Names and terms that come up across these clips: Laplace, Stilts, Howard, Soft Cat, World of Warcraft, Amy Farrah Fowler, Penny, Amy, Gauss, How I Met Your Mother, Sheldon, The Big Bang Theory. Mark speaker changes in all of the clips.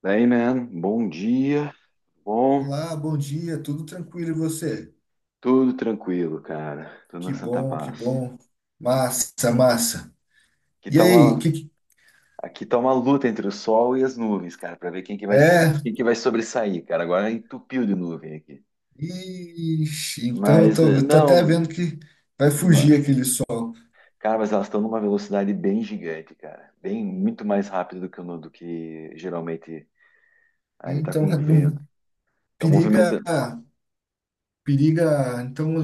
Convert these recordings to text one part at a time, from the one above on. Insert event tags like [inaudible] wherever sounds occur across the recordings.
Speaker 1: Daí, man, bom dia, bom,
Speaker 2: Olá, bom dia, tudo tranquilo e você?
Speaker 1: tudo tranquilo, cara, tudo na
Speaker 2: Que
Speaker 1: santa
Speaker 2: bom, que
Speaker 1: paz.
Speaker 2: bom. Massa, massa.
Speaker 1: Aqui
Speaker 2: E
Speaker 1: tá
Speaker 2: aí,
Speaker 1: uma, aqui tá uma luta entre o sol e as nuvens, cara, pra ver quem que vai,
Speaker 2: é?
Speaker 1: quem que vai sobressair, cara. Agora entupiu de nuvem aqui.
Speaker 2: Ixi, então eu
Speaker 1: Mas,
Speaker 2: tô,
Speaker 1: eh,
Speaker 2: eu tô até
Speaker 1: não,
Speaker 2: vendo que vai fugir
Speaker 1: ma-
Speaker 2: aquele sol.
Speaker 1: cara, mas elas estão numa velocidade bem gigante, cara, bem, muito mais rápido do que, o no- do que geralmente. Ele tá
Speaker 2: Então,
Speaker 1: com o
Speaker 2: [laughs]
Speaker 1: vento, tá
Speaker 2: periga,
Speaker 1: movimentando.
Speaker 2: periga, então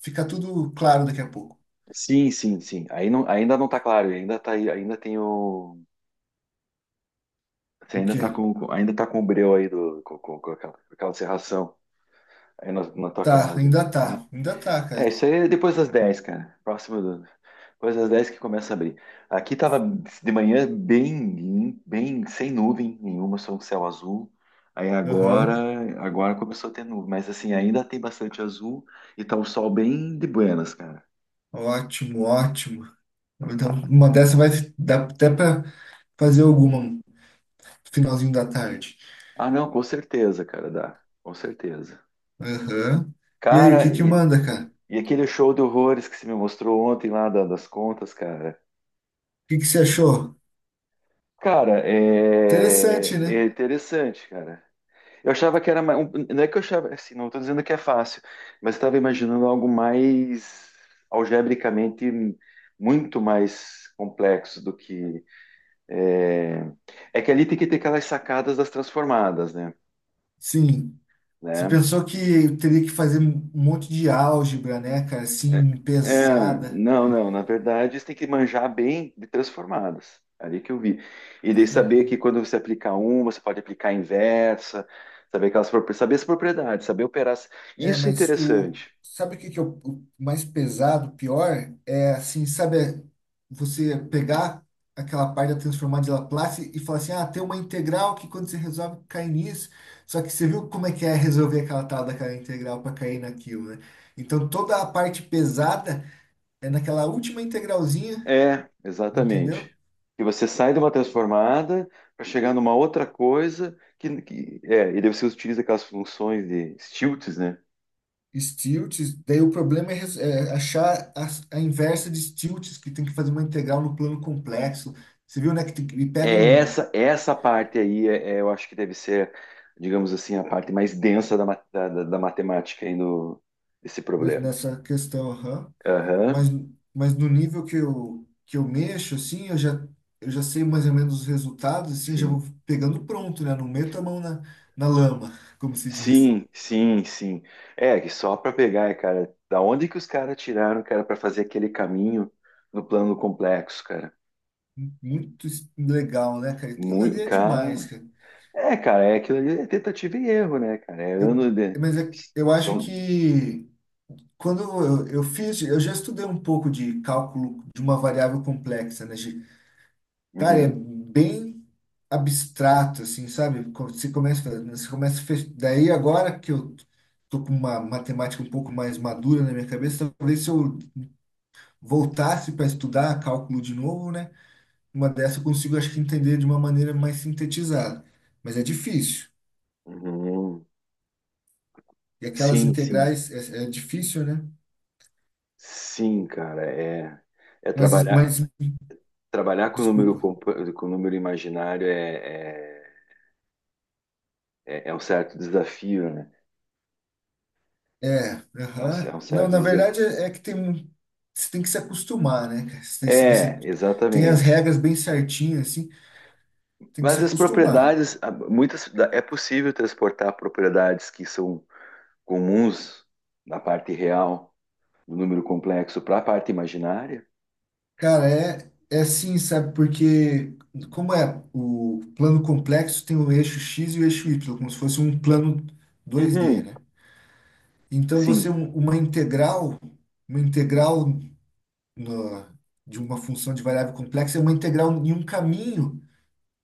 Speaker 2: fica tudo claro daqui a pouco.
Speaker 1: Sim, sim, sim. Aí não, ainda não tá claro, ainda tá, ainda tem o... Você
Speaker 2: O
Speaker 1: ainda
Speaker 2: quê?
Speaker 1: tá ainda tá com o breu aí com aquela serração aí na, na tua
Speaker 2: Tá,
Speaker 1: casa, tá?
Speaker 2: ainda tá,
Speaker 1: É,
Speaker 2: cara.
Speaker 1: isso aí é depois das 10, cara. Próximo do, depois das 10 que começa a abrir. Aqui tava de manhã bem, bem sem nuvem nenhuma, só um céu azul. Aí
Speaker 2: Aham.
Speaker 1: agora, agora começou a ter nuvem, mas assim, ainda tem bastante azul e tá um sol bem de buenas, cara.
Speaker 2: Ótimo, ótimo.
Speaker 1: Então
Speaker 2: Então,
Speaker 1: tá.
Speaker 2: uma dessa vai dar até pra fazer alguma no finalzinho da tarde.
Speaker 1: Ah, não, com certeza, cara, dá. Com certeza.
Speaker 2: Aham. E aí, o que
Speaker 1: Cara,
Speaker 2: que
Speaker 1: e...
Speaker 2: manda, cara? O
Speaker 1: E aquele show de horrores que você me mostrou ontem lá das contas, cara.
Speaker 2: Que que você achou?
Speaker 1: Cara, é,
Speaker 2: Interessante,
Speaker 1: é
Speaker 2: né?
Speaker 1: interessante, cara. Eu achava que era mais. Não é que eu achava, assim, não estou dizendo que é fácil, mas estava imaginando algo mais algebricamente muito mais complexo do que. É, é que ali tem que ter aquelas sacadas das transformadas, né?
Speaker 2: Sim. Você
Speaker 1: Né?
Speaker 2: pensou que teria que fazer um monte de álgebra, né, cara?
Speaker 1: É,
Speaker 2: Assim,
Speaker 1: é,
Speaker 2: pesada.
Speaker 1: não, não. Na verdade, você tem que manjar bem de transformadas. Ali que eu vi. E daí saber que
Speaker 2: Sim.
Speaker 1: quando você aplicar uma, você pode aplicar a inversa, saber aquelas, saber as propriedades, saber operar.
Speaker 2: É,
Speaker 1: Isso é
Speaker 2: mas o.
Speaker 1: interessante.
Speaker 2: Sabe o que que é o mais pesado, pior? É assim, sabe, é você pegar aquela parte da transformada de Laplace e falar assim, ah, tem uma integral que quando você resolve cai nisso. Só que você viu como é que é resolver aquela tal daquela integral para cair naquilo, né? Então toda a parte pesada é naquela última integralzinha,
Speaker 1: É,
Speaker 2: entendeu?
Speaker 1: exatamente. Que você sai de uma transformada para chegar numa outra coisa é, e daí você utiliza aquelas funções de stilts, né?
Speaker 2: Stilts, daí o problema é, é achar a inversa de Stilts, que tem que fazer uma integral no plano complexo. Você viu, né? E pega
Speaker 1: É
Speaker 2: um,
Speaker 1: essa, essa parte aí, é, é, eu acho que deve ser, digamos assim, a parte mais densa da, ma- da, da- da matemática aí no, desse problema.
Speaker 2: nessa questão, aham. Mas,
Speaker 1: Aham,
Speaker 2: mas no nível que eu mexo, assim, eu já sei mais ou menos os resultados, assim, já
Speaker 1: sim.
Speaker 2: vou pegando pronto, né? Não meto a mão na lama, [laughs] como se diz.
Speaker 1: Sim, sim, sim. É, que só para pegar, é, cara, da onde que os caras tiraram, cara, para fazer aquele caminho no plano complexo, cara?
Speaker 2: Legal, né, cara? Aquilo ali
Speaker 1: Muito,
Speaker 2: é demais,
Speaker 1: cara.
Speaker 2: cara.
Speaker 1: É, cara, é aquilo ali, é tentativa e erro, né, cara? É
Speaker 2: Eu,
Speaker 1: ano de.
Speaker 2: eu acho
Speaker 1: São.
Speaker 2: que quando eu fiz, eu já estudei um pouco de cálculo de uma variável complexa, né? Cara, é
Speaker 1: Uhum,
Speaker 2: bem abstrato, assim, sabe? Quando você começa, né, você começa, daí agora que eu tô com uma matemática um pouco mais madura na minha cabeça, talvez se eu voltasse para estudar cálculo de novo, né? Uma dessa eu consigo, acho que entender de uma maneira mais sintetizada, mas é difícil.
Speaker 1: uhum.
Speaker 2: E aquelas
Speaker 1: Sim, sim.
Speaker 2: integrais é difícil, né?
Speaker 1: Sim, cara, é. É
Speaker 2: Mas,
Speaker 1: trabalhar.
Speaker 2: mas
Speaker 1: Trabalhar com o número,
Speaker 2: desculpa.
Speaker 1: com o número imaginário é, é, é é um certo desafio, né?
Speaker 2: É,
Speaker 1: É um, é
Speaker 2: aham.
Speaker 1: um
Speaker 2: Não,
Speaker 1: certo
Speaker 2: na verdade
Speaker 1: desafio.
Speaker 2: é que você tem que se acostumar, né, cara?
Speaker 1: É,
Speaker 2: Você tem as
Speaker 1: exatamente.
Speaker 2: regras bem certinhas, assim, tem que se
Speaker 1: Mas as
Speaker 2: acostumar.
Speaker 1: propriedades, muitas, é possível transportar propriedades que são comuns na parte real do número complexo para a parte imaginária?
Speaker 2: Cara, é assim, sabe? Porque como é o plano complexo, tem o eixo X e o eixo Y, como se fosse um plano 2D,
Speaker 1: Uhum.
Speaker 2: né? Então você,
Speaker 1: Sim,
Speaker 2: uma integral, uma integral na- de uma função de variável complexa é uma integral em um caminho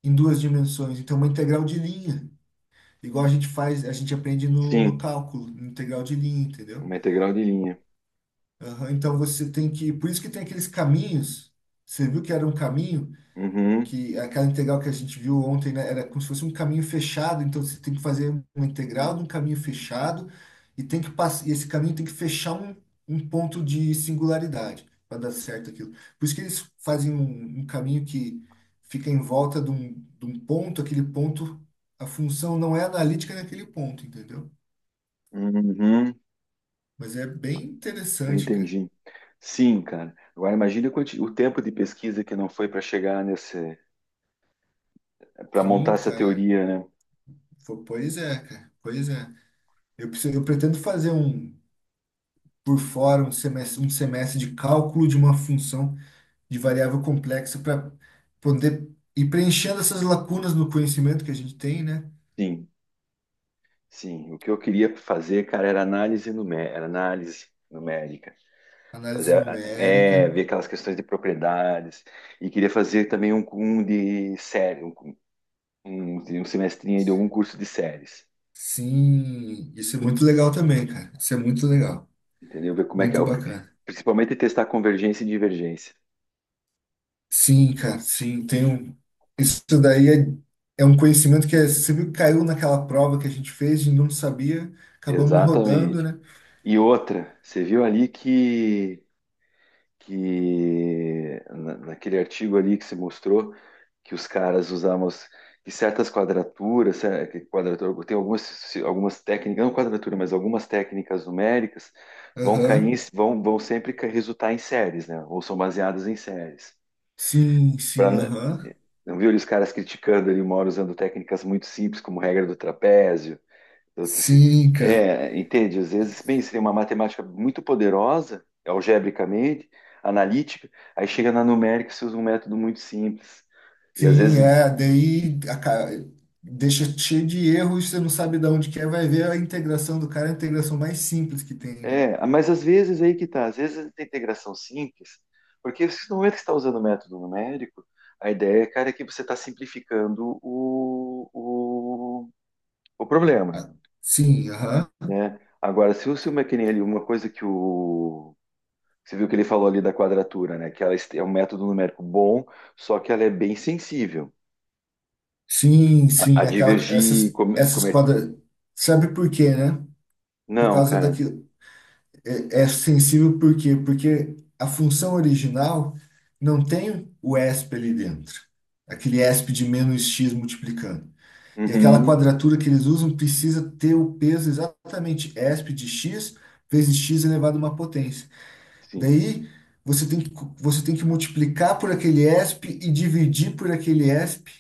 Speaker 2: em duas dimensões, então uma integral de linha. Igual a gente faz, a gente aprende no
Speaker 1: sim.
Speaker 2: cálculo, no integral de linha, entendeu?
Speaker 1: Uma integral de linha.
Speaker 2: Aham, então você tem que. Por isso que tem aqueles caminhos. Você viu que era um caminho,
Speaker 1: Uhum.
Speaker 2: que aquela integral que a gente viu ontem, né, era como se fosse um caminho fechado, então você tem que fazer uma integral de um caminho fechado e tem que passar, e esse caminho tem que fechar um ponto de singularidade para dar certo aquilo. Por isso que eles fazem um caminho que fica em volta de um ponto, aquele ponto, a função não é analítica naquele ponto, entendeu?
Speaker 1: Uhum.
Speaker 2: Mas é bem
Speaker 1: Eu
Speaker 2: interessante, cara.
Speaker 1: entendi. Sim, cara. Agora imagine o o tempo de pesquisa que não foi para chegar nesse, para montar
Speaker 2: Sim,
Speaker 1: essa
Speaker 2: cara.
Speaker 1: teoria, né?
Speaker 2: Pois é, cara. Pois é. Eu pretendo fazer um, por fora, um semestre, de cálculo de uma função de variável complexa para poder ir preenchendo essas lacunas no conhecimento que a gente tem, né?
Speaker 1: Sim, sim. O que eu queria fazer, cara, era análise numérica, era análise numérica. Fazer,
Speaker 2: Análise
Speaker 1: é,
Speaker 2: numérica.
Speaker 1: ver aquelas questões de propriedades. E queria fazer também um de série, um, um semestrinho aí de algum curso de séries.
Speaker 2: Sim, isso é muito legal também, cara. Isso é muito legal.
Speaker 1: Entendeu? Ver como é que é.
Speaker 2: Muito bacana.
Speaker 1: Principalmente testar convergência e divergência.
Speaker 2: Sim, cara, sim, tem um... Isso daí é um conhecimento que é, sempre caiu naquela prova que a gente fez e não sabia, acabamos rodando,
Speaker 1: Exatamente.
Speaker 2: né?
Speaker 1: E outra, você viu ali que naquele artigo ali que se mostrou que os caras usavam que certas quadraturas, que quadratura, tem algumas, algumas técnicas, não quadratura, mas algumas técnicas numéricas vão cair,
Speaker 2: Aham.
Speaker 1: vão, vão sempre resultar em séries, né? Ou são baseadas em séries.
Speaker 2: Sim,
Speaker 1: Pra,
Speaker 2: sim, aham.
Speaker 1: não viu ali os caras criticando ali uma hora usando técnicas muito simples, como regra do trapézio, eu disse, assim,
Speaker 2: Sim, cara,
Speaker 1: é, entende? Às vezes, bem, seria uma matemática muito poderosa, algebricamente, analítica, aí chega na numérica e se usa um método muito simples. E às
Speaker 2: sim,
Speaker 1: vezes,
Speaker 2: é, deixa cheio de erros, você não sabe de onde que é, vai ver a integração do cara, é a integração mais simples que tem, né?
Speaker 1: é, mas às vezes aí que tá, às vezes a integração simples, porque se não é que você está usando o método numérico, a ideia, cara, é que você está simplificando o problema,
Speaker 2: Ah. Sim, aham.
Speaker 1: né? Agora, se você uma que nem ali, uma coisa que o... Você viu que ele falou ali da quadratura, né? Que ela é um método numérico bom, só que ela é bem sensível a
Speaker 2: Sim, aquela,
Speaker 1: divergir. Como,
Speaker 2: essas
Speaker 1: como é...
Speaker 2: quadras, sabe por quê, né? Por
Speaker 1: Não,
Speaker 2: causa
Speaker 1: cara.
Speaker 2: daquilo é sensível por quê? Porque a função original não tem o ESP ali dentro, aquele ESP de menos x multiplicando. E aquela
Speaker 1: Uhum.
Speaker 2: quadratura que eles usam precisa ter o peso exatamente ESP de x vezes x elevado a uma potência.
Speaker 1: Sim,
Speaker 2: Daí você tem que, você tem que multiplicar por aquele ESP e dividir por aquele ESP.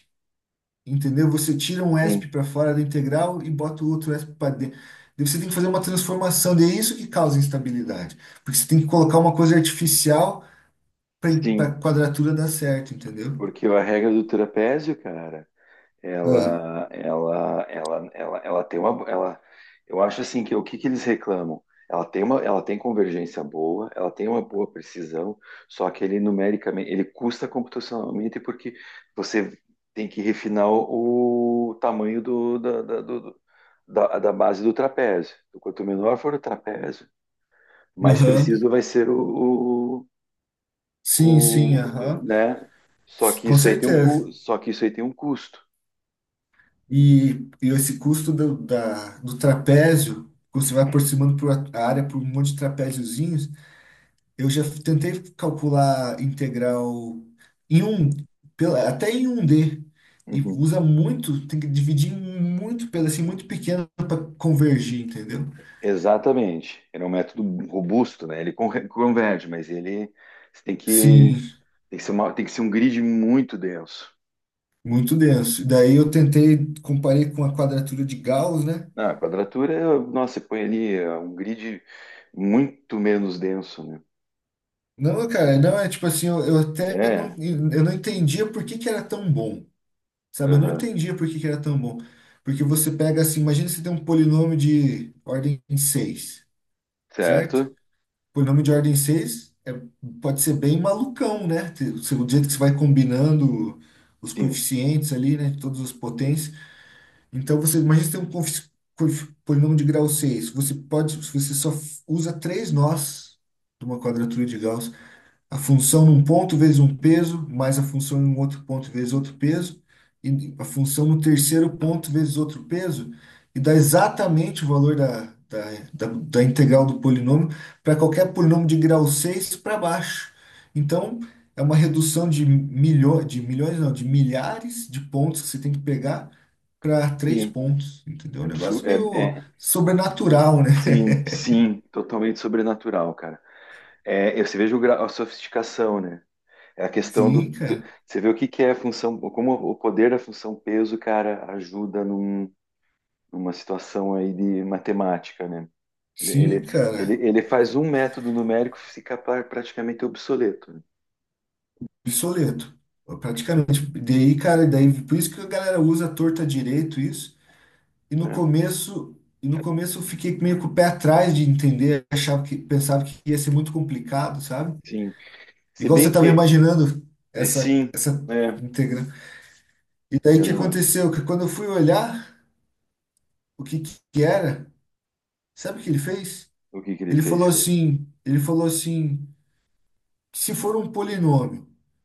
Speaker 2: Entendeu? Você tira um
Speaker 1: sim,
Speaker 2: ESP para fora da integral e bota o outro ESP para dentro. Daí você tem que fazer uma transformação, e é isso que causa instabilidade. Porque você tem que colocar uma coisa artificial para
Speaker 1: sim.
Speaker 2: a quadratura dar certo, entendeu?
Speaker 1: Porque a regra do trapézio, cara...
Speaker 2: Ah.
Speaker 1: Ela tem uma, ela, eu acho assim que o que que eles reclamam? Ela tem uma, ela tem convergência boa, ela tem uma boa precisão, só que ele numericamente, ele custa computacionalmente porque você tem que refinar o tamanho do, da, da, do- do- da, da base do trapézio. Então, quanto menor for o trapézio, mais
Speaker 2: Aham.
Speaker 1: preciso vai ser o,
Speaker 2: Sim, sim, aham.
Speaker 1: né? Só que
Speaker 2: Com
Speaker 1: isso aí tem um,
Speaker 2: certeza.
Speaker 1: só que isso aí tem um custo.
Speaker 2: E esse custo do trapézio, quando você vai aproximando por a área por um monte de trapéziozinhos, eu já tentei calcular integral em um, até em um D, e
Speaker 1: Uhum.
Speaker 2: usa muito, tem que dividir em muito, pelo assim, muito pequeno para convergir, entendeu?
Speaker 1: Exatamente. Ele é um método robusto, né? Ele converge, mas ele você
Speaker 2: Sim,
Speaker 1: tem que ser tem que ser um grid muito denso.
Speaker 2: muito denso. E daí eu tentei, comparei com a quadratura de Gauss, né?
Speaker 1: Ah, a quadratura, nossa, você põe ali é, um grid muito menos denso, né?
Speaker 2: Não, cara, não é tipo assim, eu até não,
Speaker 1: É,
Speaker 2: eu não entendia por que que era tão bom, sabe? Eu não
Speaker 1: aham,
Speaker 2: entendia por que que era tão bom. Porque você pega assim, imagina você tem um polinômio de ordem 6, certo?
Speaker 1: certo?
Speaker 2: Por nome de ordem 6 é, pode ser bem malucão, né? O jeito que você vai combinando os
Speaker 1: Sim,
Speaker 2: coeficientes ali, né? Todas as potências. Então, você imagina você tem um polinômio de grau seis. Você pode, você só usa três nós de uma quadratura de Gauss, a função num ponto vezes um peso, mais a função em um outro ponto vezes outro peso, e a função no terceiro ponto vezes outro peso, e dá exatamente o valor da integral do polinômio para qualquer polinômio de grau 6 para baixo. Então, é uma redução de milhões não, de milhares de pontos que você tem que pegar para três
Speaker 1: sim.
Speaker 2: pontos, entendeu? Um negócio
Speaker 1: Absurdo, é,
Speaker 2: meio
Speaker 1: é,
Speaker 2: sobrenatural, né?
Speaker 1: sim, sim, totalmente sobrenatural, cara. É, você veja o grau, a sofisticação, né? É a questão do,
Speaker 2: Sim,
Speaker 1: do-
Speaker 2: cara.
Speaker 1: Você vê o que que é a função, como o poder da função peso, cara, ajuda num uma situação aí de matemática, né? Ele,
Speaker 2: Sim,
Speaker 1: ele, ele,
Speaker 2: cara.
Speaker 1: ele faz um método numérico ficar praticamente obsoleto.
Speaker 2: Obsoleto, praticamente. Daí, cara, daí, por isso que a galera usa torta direito isso. E no
Speaker 1: Né? É,
Speaker 2: começo, e no começo eu fiquei meio com o pé atrás de entender, achava que pensava que ia ser muito complicado, sabe?
Speaker 1: sim. Se
Speaker 2: Igual você
Speaker 1: bem
Speaker 2: estava
Speaker 1: que,
Speaker 2: imaginando
Speaker 1: é, sim,
Speaker 2: essa
Speaker 1: é,
Speaker 2: integra. E daí
Speaker 1: é,
Speaker 2: o que
Speaker 1: não,
Speaker 2: aconteceu? Que quando eu fui olhar o que que era, sabe o que ele fez?
Speaker 1: o que que ele fez, cara?
Speaker 2: Ele falou assim, se for um polinômio.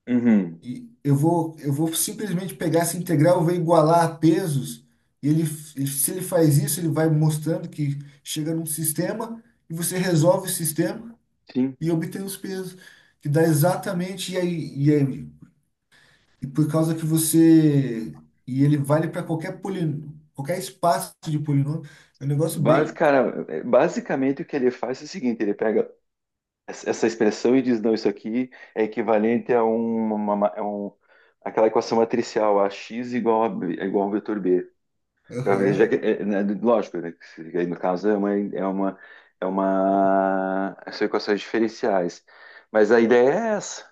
Speaker 1: Uhum,
Speaker 2: E eu vou simplesmente pegar essa integral, eu vou igualar a pesos. E ele, se ele faz isso, ele vai mostrando que chega num sistema e você resolve o sistema
Speaker 1: sim.
Speaker 2: e obtém os pesos, que dá exatamente. E aí, e por causa que você. E ele vale para qualquer polino, qualquer espaço de polinômio. É um negócio
Speaker 1: Basi-
Speaker 2: bem.
Speaker 1: cara, é, basicamente o que ele faz é o seguinte, ele pega essa expressão e diz, não, isso aqui é equivalente a um, uma, a aquela equação matricial, a x igual a, é igual ao vetor b. Para ver, já que,
Speaker 2: Aham.
Speaker 1: é, né, lógico, né, que se- aí no caso são equações diferenciais. Mas a ideia é essa,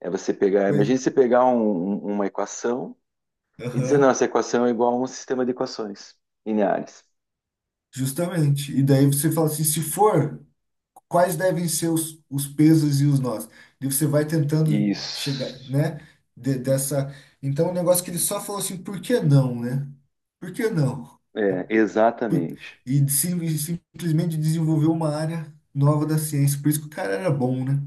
Speaker 1: é você pegar, imagine
Speaker 2: Foi.
Speaker 1: você pegar uma equação e dizer, não,
Speaker 2: Aham.
Speaker 1: essa equação é igual a um sistema de equações lineares.
Speaker 2: Justamente. E daí você fala assim: se for, quais devem ser os pesos e os nós. E você vai tentando chegar,
Speaker 1: Isso,
Speaker 2: né? de- dessa. Então, o negócio que ele só falou assim, por que não, né? Por que não?
Speaker 1: é,
Speaker 2: Por-
Speaker 1: exatamente.
Speaker 2: E e simplesmente desenvolveu uma área nova da ciência. Por isso que o cara era bom, né?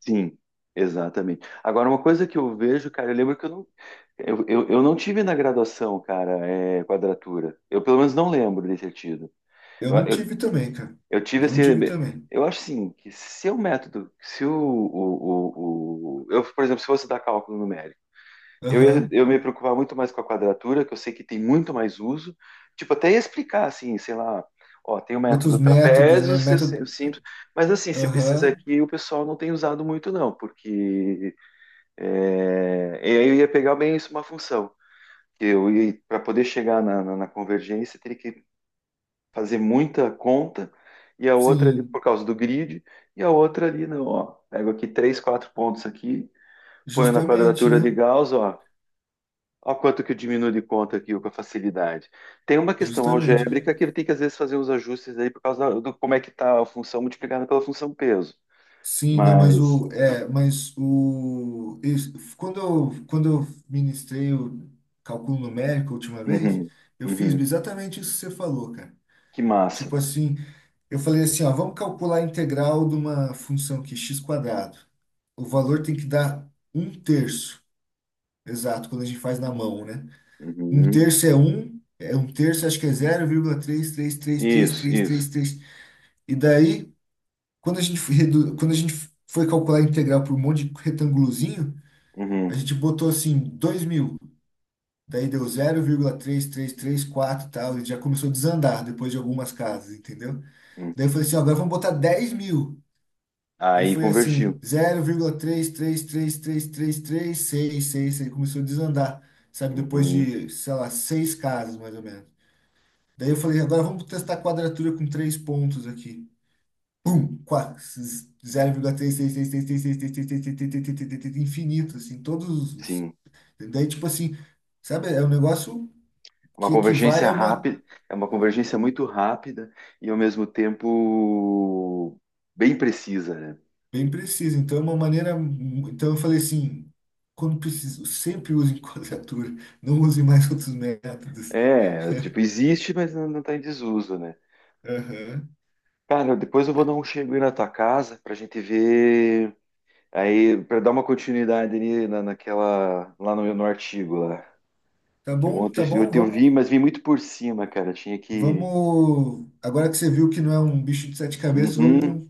Speaker 1: Sim, exatamente. Agora, uma coisa que eu vejo, cara, eu lembro que eu não tive na graduação, cara, é, quadratura. Eu pelo menos não lembro de ter tido.
Speaker 2: Eu
Speaker 1: Eu,
Speaker 2: não
Speaker 1: eu
Speaker 2: tive também, cara.
Speaker 1: Eu tive
Speaker 2: Eu não tive
Speaker 1: esse.
Speaker 2: também.
Speaker 1: Eu acho assim, que se o método, se eu, por exemplo, se fosse dar cálculo numérico, eu ia,
Speaker 2: Aham.
Speaker 1: eu me preocupar muito mais com a quadratura, que eu sei que tem muito mais uso. Tipo, até ia explicar assim, sei lá, ó, tem o
Speaker 2: Outros
Speaker 1: método
Speaker 2: métodos,
Speaker 1: trapézio,
Speaker 2: né? Método.
Speaker 1: simples, mas assim, se precisa
Speaker 2: Aham.
Speaker 1: aqui, o pessoal não tem usado muito não, porque é, e aí eu ia pegar bem isso uma função. Que eu ia para poder chegar na, na, na convergência, teria que fazer muita conta, e a outra ali por
Speaker 2: Sim.
Speaker 1: causa do grid, e a outra ali, não, ó, pego aqui três, quatro pontos aqui, ponho na
Speaker 2: Justamente,
Speaker 1: quadratura de
Speaker 2: né?
Speaker 1: Gauss, ó, ó quanto que eu diminuo de conta aqui ó, com a facilidade. Tem uma questão
Speaker 2: Justamente.
Speaker 1: algébrica que ele tem que às vezes fazer os ajustes aí por causa do como é que tá a função multiplicada pela função peso,
Speaker 2: Sim, não,
Speaker 1: mas,
Speaker 2: mas o isso, quando quando eu ministrei o cálculo numérico a última vez,
Speaker 1: uhum,
Speaker 2: eu fiz
Speaker 1: uhum,
Speaker 2: exatamente isso que você falou, cara.
Speaker 1: que massa.
Speaker 2: Tipo assim, eu falei assim, ó, vamos calcular a integral de uma função que é x quadrado. O valor tem que dar um terço, exato, quando a gente faz na mão, né?
Speaker 1: Uhum.
Speaker 2: É um terço, acho que é zero vírgula três três três três
Speaker 1: Isso,
Speaker 2: três três
Speaker 1: isso.
Speaker 2: três E daí quando a gente foi calcular a integral por um monte de retângulozinho, a
Speaker 1: Uhum,
Speaker 2: gente botou assim 2000, daí deu 0,3334 e tal, e já começou a desandar depois de algumas casas, entendeu?
Speaker 1: uhum.
Speaker 2: Daí eu falei assim, ó, agora vamos botar 10.000. Daí
Speaker 1: Aí
Speaker 2: foi assim,
Speaker 1: convergiu.
Speaker 2: 0,33333366, aí começou a desandar, sabe? Depois
Speaker 1: Uhum,
Speaker 2: de, sei lá, seis casas mais ou menos. Daí eu falei, agora vamos testar a quadratura com três pontos aqui. Infinito, assim, todos os.
Speaker 1: sim.
Speaker 2: Daí, tipo assim, sabe, é um negócio
Speaker 1: Uma
Speaker 2: que equivale
Speaker 1: convergência
Speaker 2: a uma
Speaker 1: rápida, é uma convergência muito rápida e ao mesmo tempo bem precisa, né?
Speaker 2: bem precisa. Então, é uma maneira. Então, eu falei assim, quando preciso, sempre usem [laughs] quadratura, não usem mais outros métodos.
Speaker 1: É,
Speaker 2: [laughs]
Speaker 1: tipo, existe, mas não, não tá em desuso, né?
Speaker 2: Aham.
Speaker 1: Cara, depois eu vou dar um chego aí na tua casa pra gente ver aí, pra dar uma continuidade ali na, naquela, lá no, no artigo lá. Que ontem
Speaker 2: Tá
Speaker 1: eu,
Speaker 2: bom,
Speaker 1: ontem eu
Speaker 2: vamos,
Speaker 1: vi, mas vi muito por cima, cara. Tinha que...
Speaker 2: vamos. Agora que você viu que não é um bicho de sete cabeças,
Speaker 1: Uhum.
Speaker 2: vamos.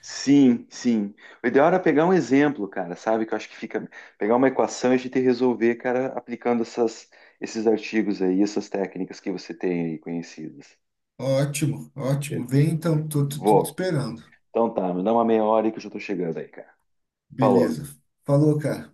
Speaker 1: Sim, sim. O ideal era pegar um exemplo, cara, sabe? Que eu acho que fica. Pegar uma equação e a gente resolver, cara, aplicando essas, esses artigos aí, essas técnicas que você tem aí conhecidas.
Speaker 2: Ótimo,
Speaker 1: Beleza.
Speaker 2: ótimo. Vem então, tô, tô te
Speaker 1: Vou.
Speaker 2: esperando.
Speaker 1: Então tá, me dá uma meia hora aí que eu já tô chegando aí, cara. Falou.
Speaker 2: Beleza. Falou, cara.